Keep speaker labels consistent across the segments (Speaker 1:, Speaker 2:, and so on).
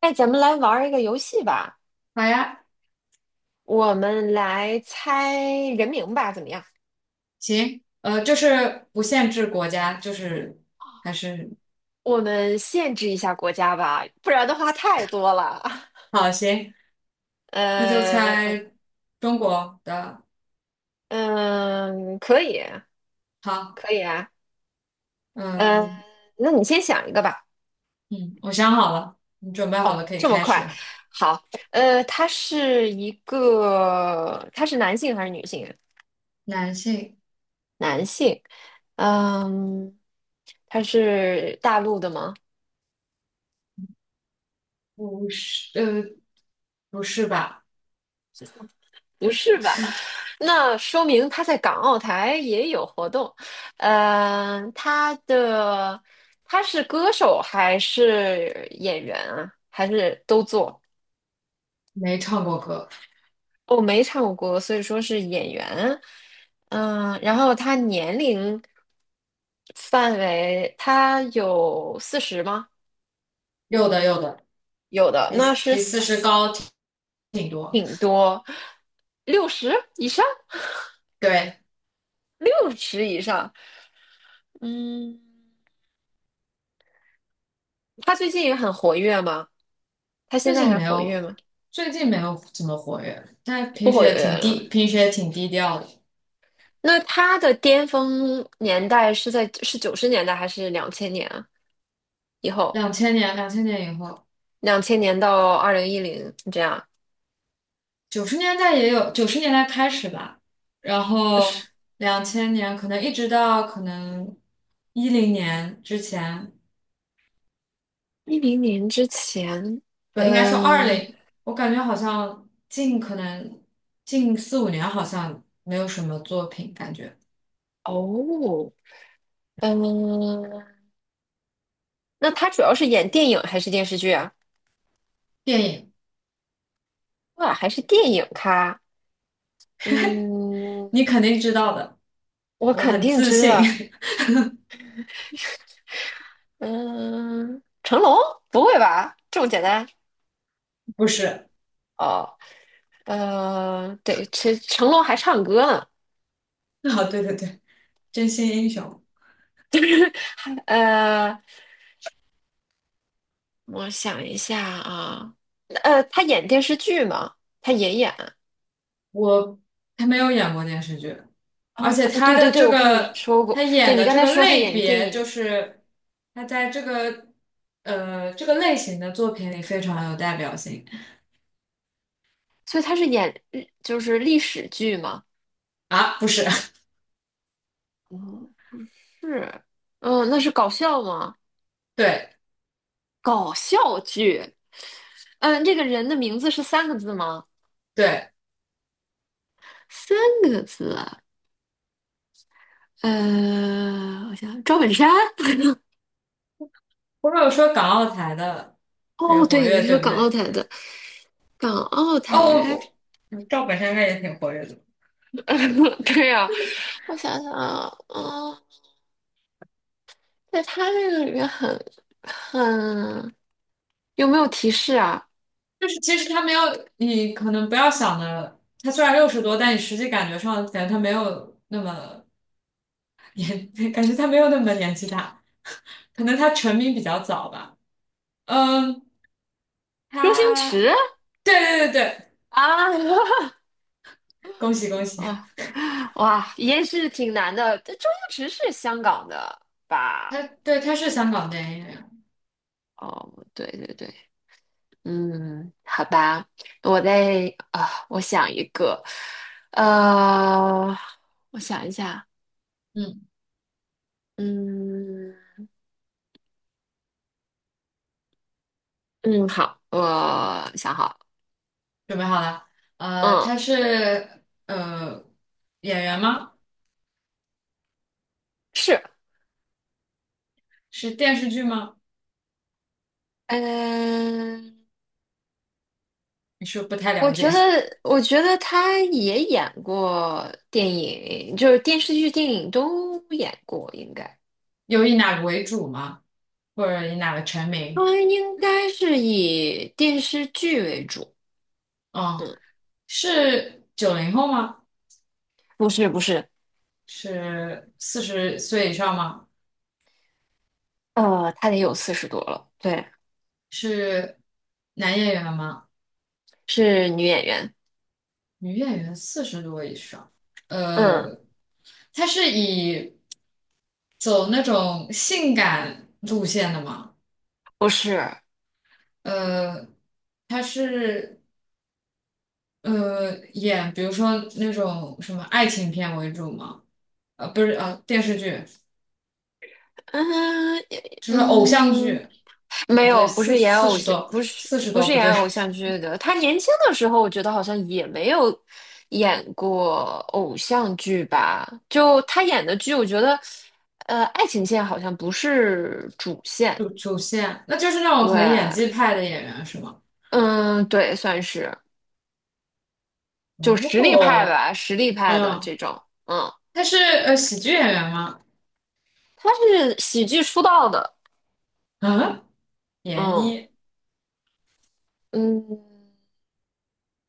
Speaker 1: 哎，咱们来玩儿一个游戏吧，
Speaker 2: 好呀，
Speaker 1: 我们来猜人名吧，怎么样？
Speaker 2: 行，就是不限制国家，就是还是
Speaker 1: 我们限制一下国家吧，不然的话太多了。
Speaker 2: 好，行，那就
Speaker 1: 呃，
Speaker 2: 猜中国的。
Speaker 1: 嗯，可以，
Speaker 2: 好，
Speaker 1: 可以啊。嗯。
Speaker 2: 嗯
Speaker 1: 那你先想一个吧。
Speaker 2: 嗯，我想好了，你准备好
Speaker 1: 哦，
Speaker 2: 了可以
Speaker 1: 这么
Speaker 2: 开
Speaker 1: 快？
Speaker 2: 始。
Speaker 1: 好，他是男性还是女性啊？
Speaker 2: 男性。
Speaker 1: 男性。嗯，他是大陆的吗？
Speaker 2: 不是，不是吧？
Speaker 1: 不是吧？那说明他在港澳台也有活动。嗯、呃，他的他是歌手还是演员啊？还是都做？
Speaker 2: 没唱过歌。
Speaker 1: 我没唱过歌，所以说是演员。然后他年龄范围，他有四十吗？
Speaker 2: 有的有的，
Speaker 1: 有的，
Speaker 2: 比
Speaker 1: 那是
Speaker 2: 四十
Speaker 1: 四
Speaker 2: 高挺多。
Speaker 1: 挺多，六十以上，
Speaker 2: 对。
Speaker 1: 六十以上。嗯，他最近也很活跃吗？他现
Speaker 2: 最
Speaker 1: 在
Speaker 2: 近
Speaker 1: 还
Speaker 2: 没
Speaker 1: 活跃
Speaker 2: 有，
Speaker 1: 吗？
Speaker 2: 最近没有怎么活跃，但
Speaker 1: 不
Speaker 2: 平时
Speaker 1: 活
Speaker 2: 也
Speaker 1: 跃
Speaker 2: 挺
Speaker 1: 了。
Speaker 2: 低，平时也挺低调的。
Speaker 1: 那他的巅峰年代是90年代还是两千年啊？以后
Speaker 2: 两千年，两千年以后。
Speaker 1: 两千年到2010这样，
Speaker 2: 九十年代也有，九十年代开始吧，然后
Speaker 1: 是
Speaker 2: 两千年可能一直到2010年之前，
Speaker 1: 10年之前。
Speaker 2: 不应该说二
Speaker 1: 嗯，
Speaker 2: 零。我感觉好像近可能近四五年好像没有什么作品，感觉
Speaker 1: 哦。嗯、那他主要是演电影还是电视剧啊？
Speaker 2: 电影
Speaker 1: 哇，还是电影咖。嗯，
Speaker 2: 你肯定知道的，
Speaker 1: 我
Speaker 2: 我
Speaker 1: 肯
Speaker 2: 很
Speaker 1: 定
Speaker 2: 自
Speaker 1: 知
Speaker 2: 信。
Speaker 1: 道。嗯，成龙？不会吧？这么简单？
Speaker 2: 不是。
Speaker 1: 哦。对，成龙还唱歌呢。
Speaker 2: 啊，对对对，真心英雄。
Speaker 1: 呃，我想一下啊。他演电视剧吗？他也演。
Speaker 2: 我还没有演过电视剧，而
Speaker 1: 哦，
Speaker 2: 且
Speaker 1: 哦，对对对，我跟你说
Speaker 2: 他
Speaker 1: 过，对，
Speaker 2: 演
Speaker 1: 你
Speaker 2: 的
Speaker 1: 刚
Speaker 2: 这
Speaker 1: 才
Speaker 2: 个
Speaker 1: 说他
Speaker 2: 类
Speaker 1: 演电
Speaker 2: 别，就
Speaker 1: 影。
Speaker 2: 是他在这个类型的作品里非常有代表性。
Speaker 1: 所以他是演日就是历史剧吗？
Speaker 2: 啊，不是。
Speaker 1: 嗯，是。嗯，那是搞笑吗？
Speaker 2: 对
Speaker 1: 搞笑剧。嗯，这个人的名字是三个字吗？
Speaker 2: 对。
Speaker 1: 三个字啊。呃，我想想，赵本山。
Speaker 2: 或者说港澳台的也
Speaker 1: 哦，
Speaker 2: 活
Speaker 1: 对，你
Speaker 2: 跃，
Speaker 1: 说
Speaker 2: 对不
Speaker 1: 港澳
Speaker 2: 对？
Speaker 1: 台的港澳台，
Speaker 2: 哦，我我嗯赵本山应该也挺活跃的。
Speaker 1: 对呀，我想想啊。嗯，在他这个里面很很有没有提示啊？
Speaker 2: 就是其实他没有你可能不要想的，他虽然60多，但你实际感觉上他没有那么年，感觉他没有那么年纪大，可能他成名比较早吧。嗯。
Speaker 1: 周星
Speaker 2: 他
Speaker 1: 驰
Speaker 2: 对对对对，
Speaker 1: 啊。
Speaker 2: 恭喜恭 喜！
Speaker 1: 啊，哇，也是挺难的。这周星驰是香港的吧？
Speaker 2: 对，他是香港电影演员。
Speaker 1: 哦，对对对。嗯，好吧，我再啊，我想一个。呃，我想一下。
Speaker 2: 嗯，
Speaker 1: 嗯嗯，好，我想好了。
Speaker 2: 准备好了？
Speaker 1: 嗯，
Speaker 2: 他是演员吗？
Speaker 1: 是。
Speaker 2: 是电视剧吗？
Speaker 1: 嗯，
Speaker 2: 你是不是不太
Speaker 1: 我
Speaker 2: 了
Speaker 1: 觉
Speaker 2: 解？
Speaker 1: 得，我觉得他也演过电影，就是电视剧、电影都演过，应该
Speaker 2: 有以哪个为主吗？或者以哪个成名？
Speaker 1: 他应该是以电视剧为主。
Speaker 2: 哦。
Speaker 1: 嗯，
Speaker 2: 是90后吗？
Speaker 1: 不是不是。
Speaker 2: 是40岁以上吗？
Speaker 1: 他得有40多了。对，
Speaker 2: 是男演员吗？
Speaker 1: 是女演员。
Speaker 2: 女演员四十多以上。
Speaker 1: 嗯，
Speaker 2: 呃，她是以走那种性感路线的嘛？
Speaker 1: 不是。
Speaker 2: 呃，她是演比如说那种什么爱情片为主嘛？不是电视剧，
Speaker 1: 嗯
Speaker 2: 就是偶像剧。
Speaker 1: 嗯，没
Speaker 2: 哦不对，
Speaker 1: 有。不是演
Speaker 2: 四
Speaker 1: 偶
Speaker 2: 十
Speaker 1: 像，
Speaker 2: 多
Speaker 1: 不是
Speaker 2: 四十
Speaker 1: 不
Speaker 2: 多
Speaker 1: 是
Speaker 2: 不
Speaker 1: 演
Speaker 2: 对，
Speaker 1: 偶像剧的。他年轻的时候，我觉得好像也没有演过偶像剧吧。就他演的剧，我觉得，爱情线好像不是主线。
Speaker 2: 主线，那就是那种
Speaker 1: 对。
Speaker 2: 很演技派的演员是吗？
Speaker 1: 嗯，对，算是就实力派
Speaker 2: 哦。
Speaker 1: 吧，实力派的
Speaker 2: 嗯。
Speaker 1: 这种。嗯，
Speaker 2: 她是喜剧演员吗？
Speaker 1: 他是喜剧出道的。
Speaker 2: 啊，闫
Speaker 1: 嗯
Speaker 2: 妮。
Speaker 1: 嗯，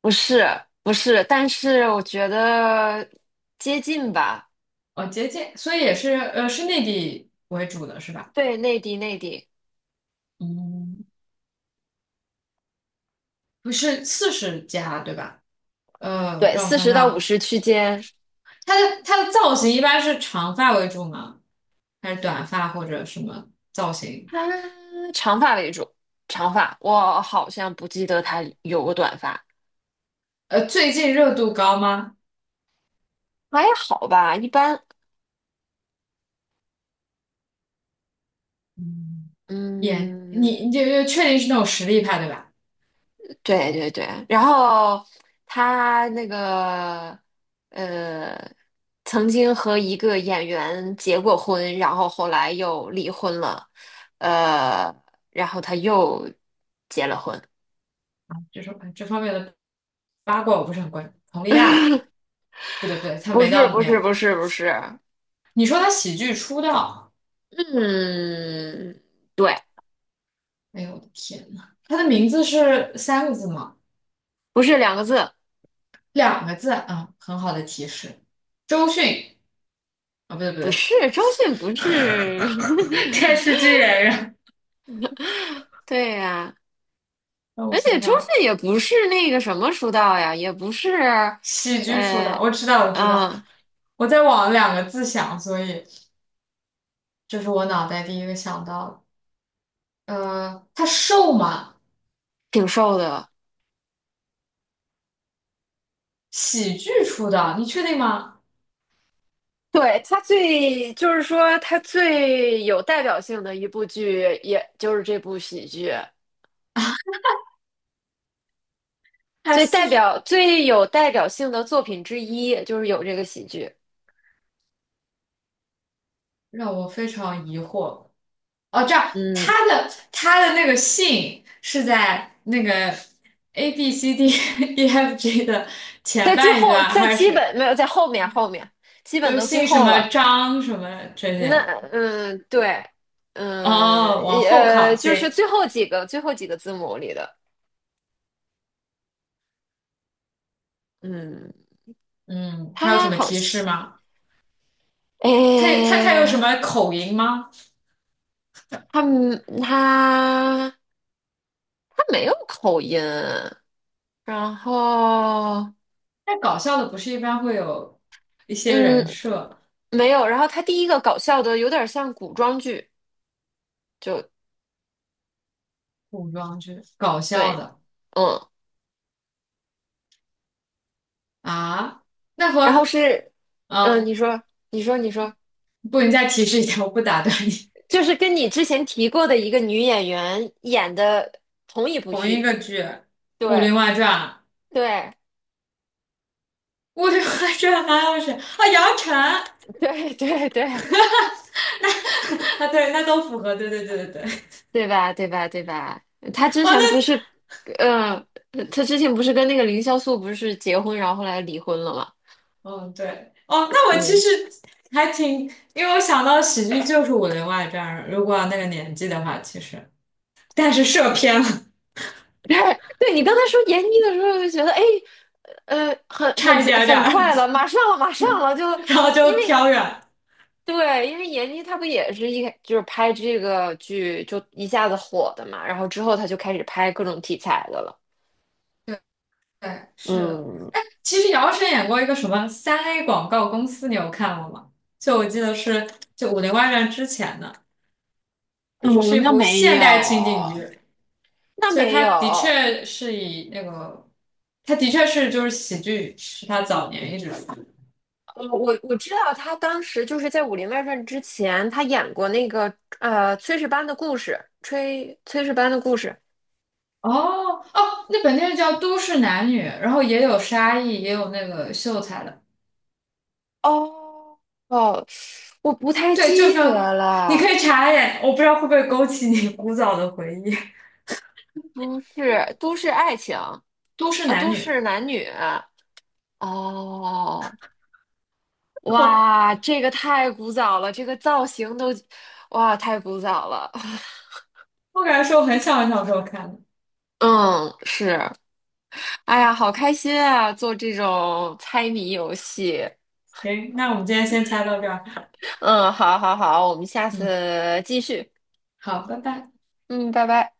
Speaker 1: 不是不是，但是我觉得接近吧。
Speaker 2: 哦，接近，所以也是是内地为主的是吧？
Speaker 1: 对，内地内地。
Speaker 2: 嗯。不是40加对吧？
Speaker 1: 对，
Speaker 2: 让我
Speaker 1: 四
Speaker 2: 想
Speaker 1: 十
Speaker 2: 想
Speaker 1: 到五
Speaker 2: 啊，
Speaker 1: 十区间。
Speaker 2: 它的造型一般是长发为主吗？还是短发或者什么造型？
Speaker 1: 他长发为主，长发，我好像不记得他有过短发。
Speaker 2: 最近热度高吗？
Speaker 1: 还好吧，一般。
Speaker 2: 嗯。演
Speaker 1: 嗯，
Speaker 2: 你就确定是那种实力派对吧？
Speaker 1: 对对对。然后他那个，呃，曾经和一个演员结过婚，然后后来又离婚了，呃，然后他又结了婚。
Speaker 2: 就种这方面的八卦我不是很关注。佟丽娅不对不对，她
Speaker 1: 不
Speaker 2: 没
Speaker 1: 是
Speaker 2: 到
Speaker 1: 不是不
Speaker 2: 年。
Speaker 1: 是不是。
Speaker 2: 你说她喜剧出道？
Speaker 1: 嗯，对，
Speaker 2: 哎呦我的天呐，她的名字是3个字吗？
Speaker 1: 不是2个字。
Speaker 2: 两个字啊，很好的提示。周迅啊，不对不
Speaker 1: 不
Speaker 2: 对，
Speaker 1: 是，周迅不是。
Speaker 2: 电 视剧演员。
Speaker 1: 对呀，
Speaker 2: 让我
Speaker 1: 而且
Speaker 2: 想
Speaker 1: 周
Speaker 2: 想，
Speaker 1: 迅也不是那个什么出道呀，也不是。
Speaker 2: 喜剧出
Speaker 1: 呃，
Speaker 2: 道，我知道我知道。
Speaker 1: 嗯，
Speaker 2: 我在往两个字想，所以这是我脑袋第一个想到的。他瘦吗？
Speaker 1: 挺瘦的。
Speaker 2: 喜剧出道，你确定吗？
Speaker 1: 对。就是说他最有代表性的一部剧，也就是这部喜剧，
Speaker 2: 还四十，
Speaker 1: 最有代表性的作品之一，就是有这个喜剧。
Speaker 2: 让我非常疑惑。哦，这样，
Speaker 1: 嗯，
Speaker 2: 他的那个姓是在那个 ABCDEFG 的前
Speaker 1: 在最
Speaker 2: 半一
Speaker 1: 后，
Speaker 2: 段，
Speaker 1: 在
Speaker 2: 还
Speaker 1: 基
Speaker 2: 是？
Speaker 1: 本没有，在后面，后面基本
Speaker 2: 就
Speaker 1: 都最
Speaker 2: 姓什
Speaker 1: 后
Speaker 2: 么
Speaker 1: 了。
Speaker 2: 张什么这
Speaker 1: 那
Speaker 2: 些。
Speaker 1: 嗯，对。
Speaker 2: 哦，
Speaker 1: 嗯
Speaker 2: 往
Speaker 1: 也，
Speaker 2: 后靠，
Speaker 1: 就是
Speaker 2: 行。
Speaker 1: 最后几个字母里的。嗯，
Speaker 2: 嗯，还有什
Speaker 1: 还
Speaker 2: 么
Speaker 1: 好
Speaker 2: 提
Speaker 1: 像，
Speaker 2: 示吗？
Speaker 1: 哎
Speaker 2: 他有他他
Speaker 1: 呦，
Speaker 2: 有什么口音吗？
Speaker 1: 他他他没有口音。然后
Speaker 2: 那搞笑的不是一般会有一些人
Speaker 1: 嗯
Speaker 2: 设
Speaker 1: 没有。然后他第一个搞笑的有点像古装剧。就
Speaker 2: 古装剧搞笑
Speaker 1: 对。
Speaker 2: 的
Speaker 1: 嗯，
Speaker 2: 啊？那
Speaker 1: 然后
Speaker 2: 和
Speaker 1: 是
Speaker 2: 嗯，
Speaker 1: 你说你说你说，
Speaker 2: 不，你再提示一下，我不打断你。
Speaker 1: 就是跟你之前提过的一个女演员演的同一部
Speaker 2: 同一
Speaker 1: 剧。
Speaker 2: 个剧，《武
Speaker 1: 对。
Speaker 2: 林外传》，
Speaker 1: 对。
Speaker 2: 《武林外传》还有谁啊？杨晨。
Speaker 1: 对对对，
Speaker 2: 啊，对，那都符合，对对对对对。
Speaker 1: 对吧？对吧？对吧？他之
Speaker 2: 哦，那
Speaker 1: 前不是，嗯、他之前不是跟那个凌潇肃不是结婚，然后后来离婚了嘛？
Speaker 2: 嗯，对，哦，那我其
Speaker 1: 嗯。
Speaker 2: 实还挺，因为我想到喜剧就是《武林外传》，如果那个年纪的话，其实，但是射偏了，
Speaker 1: 对，你刚才说闫妮的时候，就觉得哎，很很
Speaker 2: 差一点点
Speaker 1: 很
Speaker 2: 儿，
Speaker 1: 快了，马上了，马上了。就
Speaker 2: 然后就
Speaker 1: 因为，
Speaker 2: 飘远。
Speaker 1: 对，因为闫妮她不也是一开就是拍这个剧就一下子火的嘛，然后之后她就开始拍各种题材的了。
Speaker 2: 对，对，是的。
Speaker 1: 嗯
Speaker 2: 其实姚晨演过一个什么3A 广告公司，你有看过吗？就我记得是就《武林外传》之前的，就是
Speaker 1: 嗯，
Speaker 2: 一
Speaker 1: 那
Speaker 2: 部
Speaker 1: 没
Speaker 2: 现
Speaker 1: 有，
Speaker 2: 代情景剧，
Speaker 1: 那
Speaker 2: 所以
Speaker 1: 没
Speaker 2: 它的
Speaker 1: 有。
Speaker 2: 确是以那个，它的确是就是喜剧是他早年一直。
Speaker 1: 我知道他当时就是在《武林外传》之前，他演过那个《炊事班的故事》，炊事班的故事。
Speaker 2: 哦哦，那本电视叫《都市男女》，然后也有沙溢，也有那个秀才的。
Speaker 1: 哦哦，我不太
Speaker 2: 对，就是
Speaker 1: 记
Speaker 2: 要
Speaker 1: 得
Speaker 2: 你可
Speaker 1: 了，
Speaker 2: 以查一眼，我不知道会不会勾起你古早的回忆。
Speaker 1: 不是都市爱情
Speaker 2: 《都市
Speaker 1: 啊，
Speaker 2: 男
Speaker 1: 都
Speaker 2: 女》，
Speaker 1: 市男女。哦，
Speaker 2: 我
Speaker 1: 哇，这个太古早了，这个造型都，哇，太古早了。
Speaker 2: 我感觉是我很小很小时候看的。
Speaker 1: 嗯，是。哎呀，好开心啊，做这种猜谜游戏。
Speaker 2: 行，那我们今天先猜到这儿。
Speaker 1: 嗯，好，好，好，我们下
Speaker 2: 嗯，
Speaker 1: 次继续。
Speaker 2: 好，拜拜。
Speaker 1: 嗯，拜拜。